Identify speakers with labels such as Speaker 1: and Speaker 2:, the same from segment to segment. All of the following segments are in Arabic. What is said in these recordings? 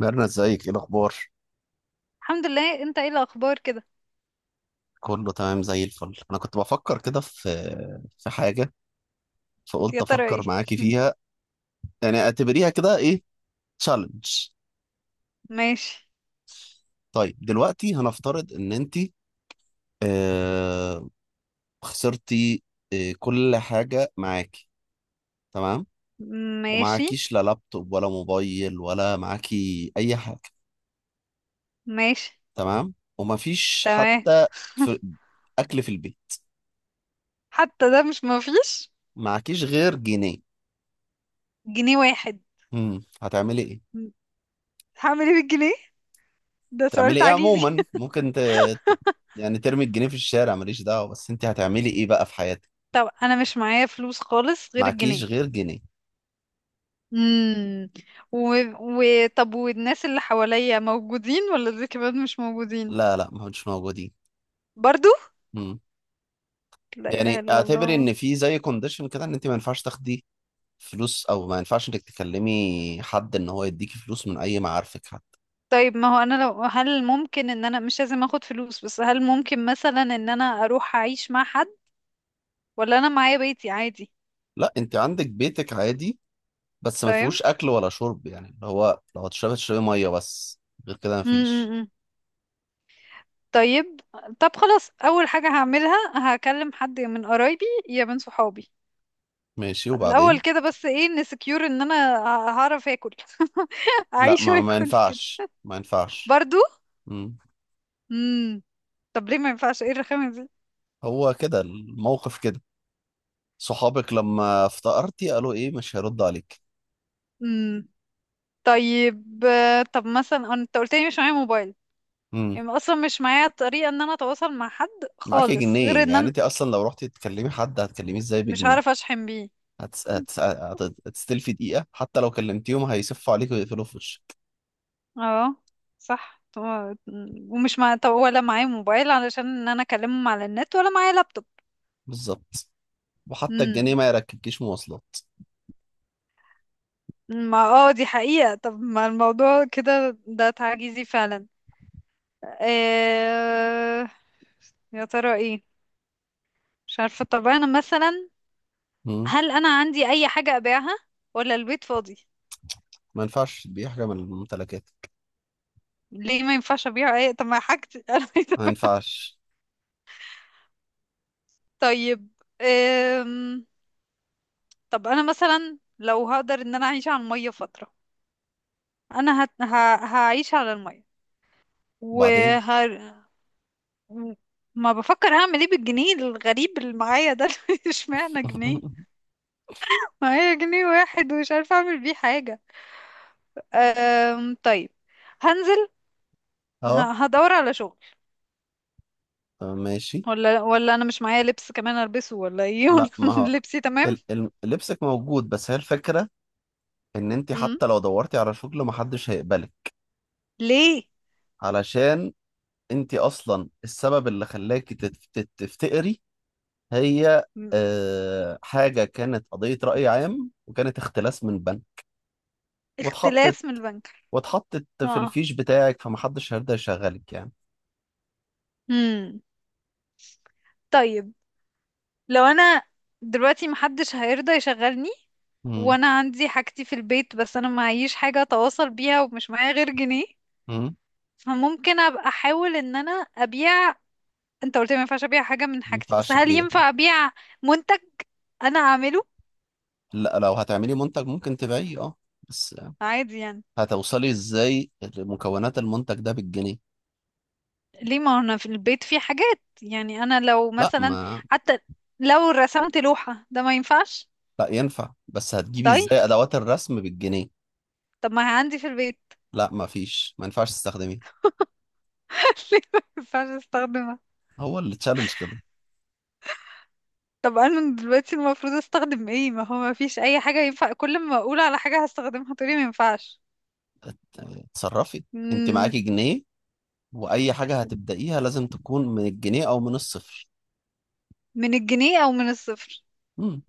Speaker 1: ميرنا ازيك؟ ايه الاخبار؟
Speaker 2: الحمد لله، انت ايه الاخبار كده؟
Speaker 1: كله تمام زي الفل. انا كنت بفكر كده في حاجه، فقلت
Speaker 2: يا ترى ايه؟
Speaker 1: افكر معاكي فيها. يعني اعتبريها كده ايه، تشالنج.
Speaker 2: ماشي.
Speaker 1: طيب دلوقتي هنفترض ان انت، آه خسرتي، كل حاجه معاكي، تمام؟
Speaker 2: ماشي.
Speaker 1: ومعاكيش لا لابتوب ولا موبايل ولا معاكي اي حاجه،
Speaker 2: ماشي.
Speaker 1: تمام؟ ومفيش
Speaker 2: تمام.
Speaker 1: حتى في اكل في البيت،
Speaker 2: حتى ده مش مفيش.
Speaker 1: معاكيش غير جنيه.
Speaker 2: جنيه واحد.
Speaker 1: هتعملي ايه؟
Speaker 2: هعمل ايه بالجنيه؟ ده سؤال
Speaker 1: تعملي ايه
Speaker 2: تعجيزي.
Speaker 1: عموما؟ ممكن ت... يعني ترمي الجنيه في الشارع ماليش دعوة، بس انت هتعملي ايه بقى في حياتك؟
Speaker 2: طب انا مش معايا فلوس خالص غير
Speaker 1: معكيش
Speaker 2: الجنيه.
Speaker 1: غير جنيه.
Speaker 2: امم و... طب والناس اللي حواليا موجودين ولا دول كمان مش موجودين؟
Speaker 1: لا لا، ما مش موجودين.
Speaker 2: برضو.
Speaker 1: مم.
Speaker 2: لا اله
Speaker 1: يعني
Speaker 2: الا
Speaker 1: اعتبري
Speaker 2: الله.
Speaker 1: ان في زي كونديشن كده ان انت ما ينفعش تاخدي فلوس، او ما ينفعش انك تكلمي حد ان هو يديكي فلوس من اي معارفك حتى.
Speaker 2: طيب، ما هو انا هل ممكن ان انا مش لازم اخد فلوس، بس هل ممكن مثلا ان انا اروح اعيش مع حد ولا انا معايا بيتي عادي؟
Speaker 1: لا، انت عندك بيتك عادي، بس ما
Speaker 2: طيب.
Speaker 1: فيهوش اكل ولا شرب، يعني اللي هو لو هتشربي تشربي ميه بس. غير كده ما فيش.
Speaker 2: امم طيب. طب خلاص، اول حاجة هعملها هكلم حد من قرايبي يا من صحابي
Speaker 1: ماشي
Speaker 2: الاول
Speaker 1: وبعدين؟
Speaker 2: كده، بس ايه نسكيور ان انا هعرف اكل.
Speaker 1: لا
Speaker 2: اعيش
Speaker 1: ما
Speaker 2: واكل كده.
Speaker 1: ينفعش، ما ينفعش.
Speaker 2: برضو.
Speaker 1: مم.
Speaker 2: امم طب ليه ما ينفعش؟ ايه الرخامة دي؟
Speaker 1: هو كده الموقف كده. صحابك لما افتقرتي قالوا ايه، مش هيرد عليك.
Speaker 2: امم طيب، آه، طب مثلا انت قلت لي مش معايا موبايل،
Speaker 1: امم.
Speaker 2: يعني اصلا مش معايا طريقة ان انا اتواصل مع حد
Speaker 1: معاكي
Speaker 2: خالص غير
Speaker 1: جنيه،
Speaker 2: ان
Speaker 1: يعني
Speaker 2: انا
Speaker 1: انت اصلا لو رحتي تكلمي حد هتكلميه ازاي
Speaker 2: مش
Speaker 1: بجنيه؟
Speaker 2: هعرف اشحن بيه.
Speaker 1: هتس... هتس... هت- هتستلفي دقيقة حتى لو كلمتيهم هيسفوا عليك ويقفلوا في وشك.
Speaker 2: اه، صح. ومش طب ولا معايا موبايل علشان ان انا اكلمهم على النت ولا معايا لابتوب.
Speaker 1: بالظبط. وحتى الجنيه
Speaker 2: امم
Speaker 1: ما يركبكيش مواصلات.
Speaker 2: ما اه، دي حقيقة. طب ما الموضوع كده ده تعجيزي فعلا. إيه... يا ترى ايه؟ مش عارفة. طب انا مثلا
Speaker 1: امم.
Speaker 2: هل انا عندي اي حاجة ابيعها ولا البيت فاضي؟
Speaker 1: ما ينفعش تبيعي حاجة من الممتلكات.
Speaker 2: ليه ما ينفعش ابيع اي؟ طب ما حاجتي انا عايزة
Speaker 1: ما
Speaker 2: أبيع.
Speaker 1: ينفعش.
Speaker 2: طيب. إيه... طب انا مثلا لو هقدر ان انا اعيش على المية فترة، انا هعيش على المية.
Speaker 1: وبعدين؟
Speaker 2: وه... ما بفكر هعمل ايه بالجنيه الغريب اللي معايا ده. اشمعنى جنيه؟ معايا جنيه واحد ومش عارفة اعمل بيه حاجة. طيب، هنزل
Speaker 1: اه.
Speaker 2: هدور على شغل.
Speaker 1: طب ماشي.
Speaker 2: ولا انا مش معايا لبس كمان البسه ولا ايه؟
Speaker 1: لا ما هو
Speaker 2: لبسي تمام.
Speaker 1: لبسك موجود، بس هي الفكرة ان انت
Speaker 2: مم.
Speaker 1: حتى لو دورتي على شغل محدش هيقبلك.
Speaker 2: ليه؟
Speaker 1: علشان انت اصلا السبب اللي خلاكي تفتقري هي،
Speaker 2: مم.
Speaker 1: آه، حاجة كانت قضية رأي عام وكانت اختلاس من بنك. واتحطت،
Speaker 2: اختلاس من البنك.
Speaker 1: واتحطت في
Speaker 2: اه.
Speaker 1: الفيش بتاعك، فمحدش هيرضى يشغلك يعني.
Speaker 2: مم. طيب، لو انا دلوقتي محدش هيرضى يشغلني
Speaker 1: مم.
Speaker 2: وانا عندي حاجتي في البيت بس انا معيش حاجة اتواصل بيها ومش معايا غير جنيه،
Speaker 1: مم.
Speaker 2: فممكن ابقى احاول ان انا ابيع. انت قلت لي ما ينفعش ابيع حاجة من
Speaker 1: ما
Speaker 2: حاجتي، بس
Speaker 1: ينفعش
Speaker 2: هل
Speaker 1: تبيع.
Speaker 2: ينفع ابيع منتج انا اعمله؟
Speaker 1: لا لو هتعملي منتج ممكن تبيعيه، اه. بس
Speaker 2: عادي يعني.
Speaker 1: هتوصلي ازاي لمكونات المنتج ده بالجنيه؟
Speaker 2: ليه؟ ما انا في البيت في حاجات، يعني انا لو
Speaker 1: لا
Speaker 2: مثلا
Speaker 1: ما
Speaker 2: حتى لو رسمت لوحة ده ما ينفعش؟
Speaker 1: لا، ينفع، بس هتجيبي
Speaker 2: طيب.
Speaker 1: ازاي ادوات الرسم بالجنيه؟
Speaker 2: طب ما هي عندي في البيت.
Speaker 1: لا ما فيش، ما ينفعش تستخدميه.
Speaker 2: ليه ما ينفعش استخدمها؟
Speaker 1: هو اللي تشالنج كده.
Speaker 2: طب انا دلوقتي المفروض استخدم ايه؟ ما هو ما فيش اي حاجة ينفع، كل ما اقول على حاجة هستخدمها تقولي ما ينفعش.
Speaker 1: يعني اتصرفي. انت
Speaker 2: مم،
Speaker 1: معاكي جنيه، واي حاجه هتبدايها لازم تكون من الجنيه او من الصفر.
Speaker 2: من الجنيه او من الصفر.
Speaker 1: امم.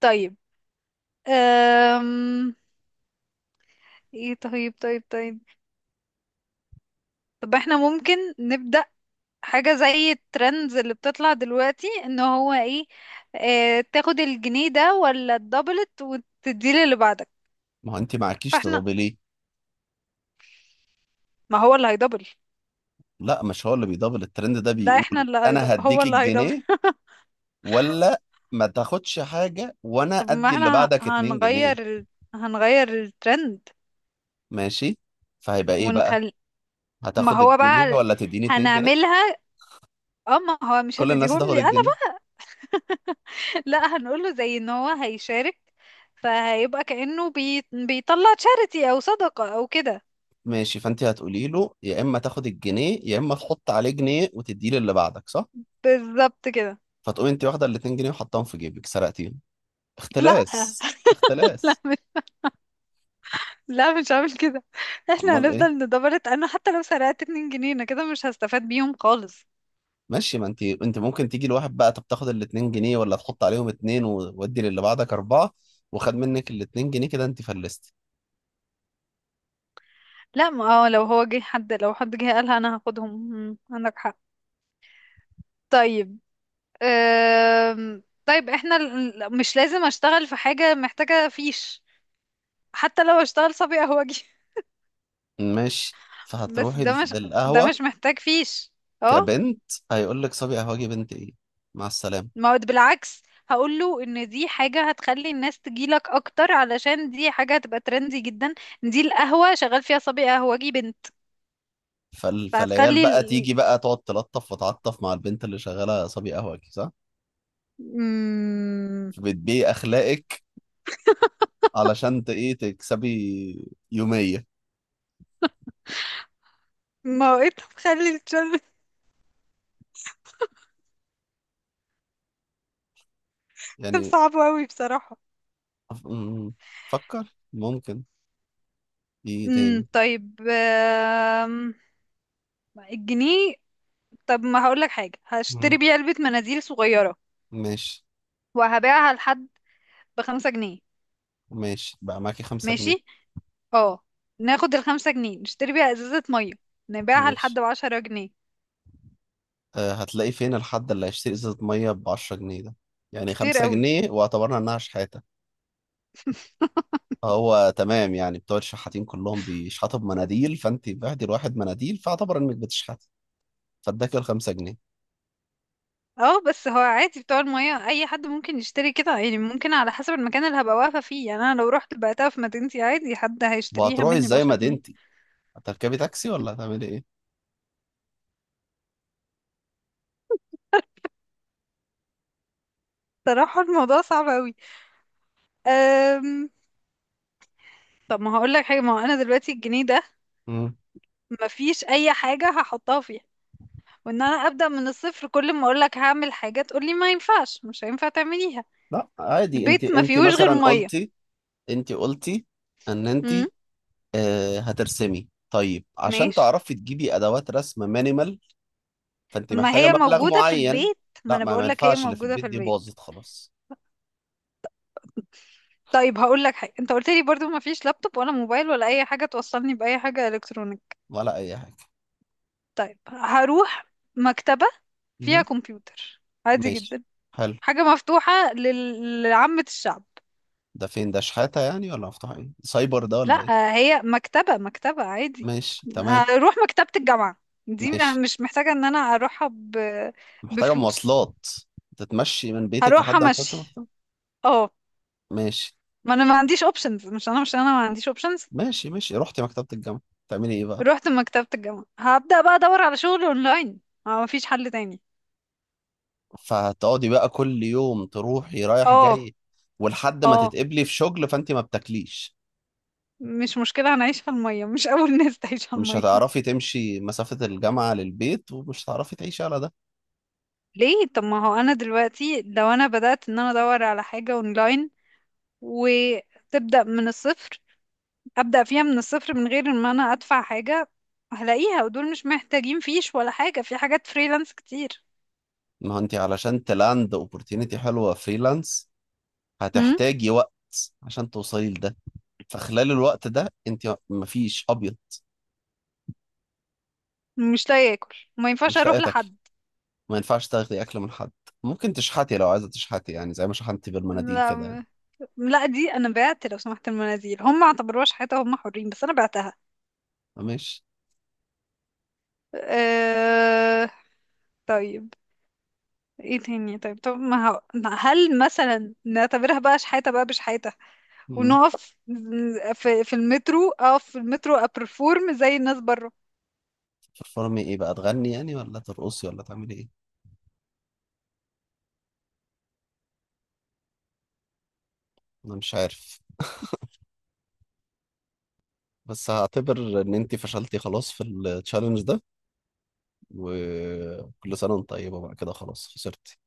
Speaker 2: طيب. أم... ايه؟ طيب. طيب. طيب. طب احنا ممكن نبدأ حاجة زي الترندز اللي بتطلع دلوقتي، ان هو ايه، اه، تاخد الجنيه ده ولا الدبلت وتديه للي بعدك.
Speaker 1: ما هو انت معاكيش
Speaker 2: فاحنا
Speaker 1: تضابي ليه.
Speaker 2: ما هو اللي هيدبل.
Speaker 1: لا، مش هو اللي بيضابل. الترند ده
Speaker 2: لا، احنا
Speaker 1: بيقول
Speaker 2: اللي هيدبل
Speaker 1: انا
Speaker 2: هو
Speaker 1: هديك
Speaker 2: اللي هيدبل.
Speaker 1: الجنيه، ولا ما تاخدش حاجه وانا
Speaker 2: طب ما
Speaker 1: ادي اللي
Speaker 2: احنا
Speaker 1: بعدك 2 جنيه.
Speaker 2: هنغير هنغير الترند
Speaker 1: ماشي، فهيبقى ايه بقى،
Speaker 2: ونخل. ما
Speaker 1: هتاخد
Speaker 2: هو
Speaker 1: الجنيه
Speaker 2: بقى
Speaker 1: ولا تديني 2 جنيه؟
Speaker 2: هنعملها. اه، ما هو مش
Speaker 1: كل الناس
Speaker 2: هتديهم
Speaker 1: هتاخد
Speaker 2: لي انا
Speaker 1: الجنيه.
Speaker 2: بقى. لا، هنقوله زي ان هو هيشارك، فهيبقى كأنه بيطلع تشاريتي او صدقة او كده.
Speaker 1: ماشي، فانت هتقولي له يا اما تاخد الجنيه يا اما تحط عليه جنيه وتديه للي بعدك، صح؟
Speaker 2: بالظبط كده.
Speaker 1: فتقوم انت واخده ال 2 جنيه وحطاهم في جيبك، سرقتيهم،
Speaker 2: لا.
Speaker 1: اختلاس
Speaker 2: لا
Speaker 1: اختلاس.
Speaker 2: مش لا مش هعمل كده. احنا
Speaker 1: امال ايه؟
Speaker 2: هنفضل ندبرت، انا حتى لو سرقت 2 جنيه انا كده مش هستفاد بيهم خالص.
Speaker 1: ماشي، ما انت انت ممكن تيجي لواحد بقى، طب تاخد ال 2 جنيه ولا تحط عليهم اتنين وودي للي بعدك اربعه، وخد منك ال 2 جنيه، كده انت فلستي.
Speaker 2: لا، ما اه، لو هو جه حد، لو حد جه قالها انا هاخدهم. مم، عندك حق. طيب. طيب. احنا مش لازم اشتغل في حاجة محتاجة فيش، حتى لو اشتغل صبي قهوجي.
Speaker 1: ماشي،
Speaker 2: بس
Speaker 1: فهتروحي
Speaker 2: ده
Speaker 1: للقهوه
Speaker 2: مش محتاج فيش. اه،
Speaker 1: كبنت، هيقول لك صبي قهوجي بنت ايه، مع السلامه.
Speaker 2: ما هو بالعكس، هقول له ان دي حاجة هتخلي الناس تجيلك اكتر علشان دي حاجة هتبقى ترندي جدا. إن دي القهوة شغال فيها صبي قهوجي بنت.
Speaker 1: فالعيال
Speaker 2: فهتخلي
Speaker 1: بقى تيجي بقى تقعد تلطف وتعطف مع البنت اللي شغاله صبي قهوجي، صح؟
Speaker 2: مم...
Speaker 1: فبتبيعي اخلاقك علشان ايه تكسبي يوميه
Speaker 2: ما هو ايه ده؟ تخلي الشغل.
Speaker 1: يعني.
Speaker 2: صعب قوي بصراحة.
Speaker 1: أم، فكر. ممكن ايه تاني؟
Speaker 2: طيب. الجنيه. طب ما هقولك حاجة، هشتري
Speaker 1: مم.
Speaker 2: بيه علبة مناديل صغيرة
Speaker 1: ماشي،
Speaker 2: وهبيعها لحد ب5 جنيه.
Speaker 1: ماشي بقى معاكي 5 جنيه.
Speaker 2: ماشي. اه. ناخد ال5 جنيه نشتري بيها ازازة مية نبيعها لحد
Speaker 1: ماشي،
Speaker 2: ب10 جنيه.
Speaker 1: أه هتلاقي فين الحد اللي هيشتري ازازة مية ب10 جنيه ده؟ يعني
Speaker 2: كتير
Speaker 1: خمسة
Speaker 2: قوي.
Speaker 1: جنيه واعتبرنا انها شحاتة. هو تمام، يعني بتوع الشحاتين كلهم بيشحتوا بمناديل، فانت بعتي لواحد مناديل، فاعتبر انك بتشحتي فاداكي ال5 جنيه.
Speaker 2: اه، بس هو عادي بتوع المية اي حد ممكن يشتري كده، يعني ممكن على حسب المكان اللي هبقى واقفة فيه، يعني انا لو رحت بعتها في مدينتي عادي حد هيشتريها
Speaker 1: وهتروحي
Speaker 2: مني
Speaker 1: ازاي
Speaker 2: ب10 جنيه.
Speaker 1: مدينتي؟ هتركبي تاكسي ولا هتعملي ايه؟
Speaker 2: صراحة الموضوع صعب قوي. أم... طب ما هقولك حاجة، ما هو انا دلوقتي الجنيه ده
Speaker 1: مم.
Speaker 2: مفيش اي حاجة هحطها فيه، وان انا ابدا من الصفر كل ما اقول لك هعمل حاجه تقول لي ما ينفعش، مش هينفع تعمليها.
Speaker 1: لا عادي، انت
Speaker 2: البيت ما
Speaker 1: انت
Speaker 2: فيهوش غير
Speaker 1: مثلا
Speaker 2: ميه.
Speaker 1: قلتي، انت قلتي ان انت،
Speaker 2: امم
Speaker 1: آه، هترسمي، طيب عشان
Speaker 2: ماشي.
Speaker 1: تعرفي تجيبي ادوات رسم مينيمال فانت
Speaker 2: طب ما
Speaker 1: محتاجه
Speaker 2: هي
Speaker 1: مبلغ
Speaker 2: موجوده في
Speaker 1: معين.
Speaker 2: البيت، ما
Speaker 1: لا
Speaker 2: انا
Speaker 1: ما، ما
Speaker 2: بقول لك هي
Speaker 1: ينفعش اللي في
Speaker 2: موجوده
Speaker 1: البيت
Speaker 2: في
Speaker 1: دي
Speaker 2: البيت.
Speaker 1: باظت خلاص.
Speaker 2: طيب، هقول لك حاجه، انت قلت لي برضو ما فيش لابتوب ولا موبايل ولا اي حاجه توصلني باي حاجه الكترونيك.
Speaker 1: ولا اي حاجه.
Speaker 2: طيب هروح مكتبه فيها
Speaker 1: مهم.
Speaker 2: كمبيوتر عادي
Speaker 1: ماشي،
Speaker 2: جدا،
Speaker 1: حلو.
Speaker 2: حاجه مفتوحه لعامه الشعب.
Speaker 1: ده فين ده، شحاته يعني، ولا مفتوح ايه، سايبر ده ولا ايه؟
Speaker 2: لا، هي مكتبة، مكتبة عادي.
Speaker 1: ماشي تمام.
Speaker 2: هروح مكتبة الجامعة، دي
Speaker 1: ماشي،
Speaker 2: مش محتاجة ان انا اروحها
Speaker 1: محتاجه
Speaker 2: بفلوس.
Speaker 1: مواصلات، تتمشي من بيتك
Speaker 2: هروحها
Speaker 1: لحد
Speaker 2: مشي.
Speaker 1: المكتبه.
Speaker 2: اه.
Speaker 1: ماشي.
Speaker 2: ما انا ما عنديش اوبشنز، مش انا ما عنديش اوبشنز.
Speaker 1: ماشي، ماشي رحتي مكتبه الجامعه، تعملي ايه بقى؟
Speaker 2: رحت مكتبة الجامعة هبدأ بقى ادور على شغل اونلاين، ما مفيش حل تاني.
Speaker 1: فهتقعدي بقى كل يوم تروحي رايح
Speaker 2: اه.
Speaker 1: جاي، ولحد ما
Speaker 2: اه،
Speaker 1: تتقبلي في شغل فانت ما بتاكليش.
Speaker 2: مش مشكلة، هنعيش على المية مش أول ناس تعيش على
Speaker 1: مش
Speaker 2: المية.
Speaker 1: هتعرفي تمشي مسافة الجامعة للبيت، ومش هتعرفي تعيشي على ده.
Speaker 2: ليه؟ طب ما هو أنا دلوقتي لو أنا بدأت إن أنا أدور على حاجة أونلاين وتبدأ من الصفر، ابدا فيها من الصفر من غير ما انا ادفع حاجه، هلاقيها ودول مش محتاجين فيش ولا حاجه، في حاجات فريلانس كتير.
Speaker 1: ما هو انت علشان تلاند اوبورتينيتي حلوة فريلانس
Speaker 2: هم؟
Speaker 1: هتحتاجي وقت عشان توصلي لده. فخلال الوقت ده انت مفيش ابيض،
Speaker 2: مش لاقي اكل ما ينفعش
Speaker 1: مش لاقية
Speaker 2: اروح
Speaker 1: تاكلي،
Speaker 2: لحد.
Speaker 1: ما ينفعش تاخدي اكل من حد. ممكن تشحتي لو عايزة تشحتي، يعني زي ما شحنتي بالمناديل
Speaker 2: لا.
Speaker 1: كده يعني.
Speaker 2: لا، دي انا بعت لو سمحت، المنازل هم ما اعتبروهاش حياتي هم حرين، بس انا بعتها.
Speaker 1: ماشي.
Speaker 2: أه... طيب. ايه تاني؟ طيب. طب ما هو- هل مثلا نعتبرها بقى شحاته؟ بقى بشحاته
Speaker 1: مم.
Speaker 2: ونقف في المترو، اقف في المترو ابرفورم زي الناس بره.
Speaker 1: ترفرمي ايه بقى، تغني يعني ولا ترقصي ولا تعملي ايه؟ انا مش عارف، بس هعتبر ان انت فشلتي خلاص في التشالنج ده، وكل سنة وانت طيبة بقى كده، خلاص خسرت.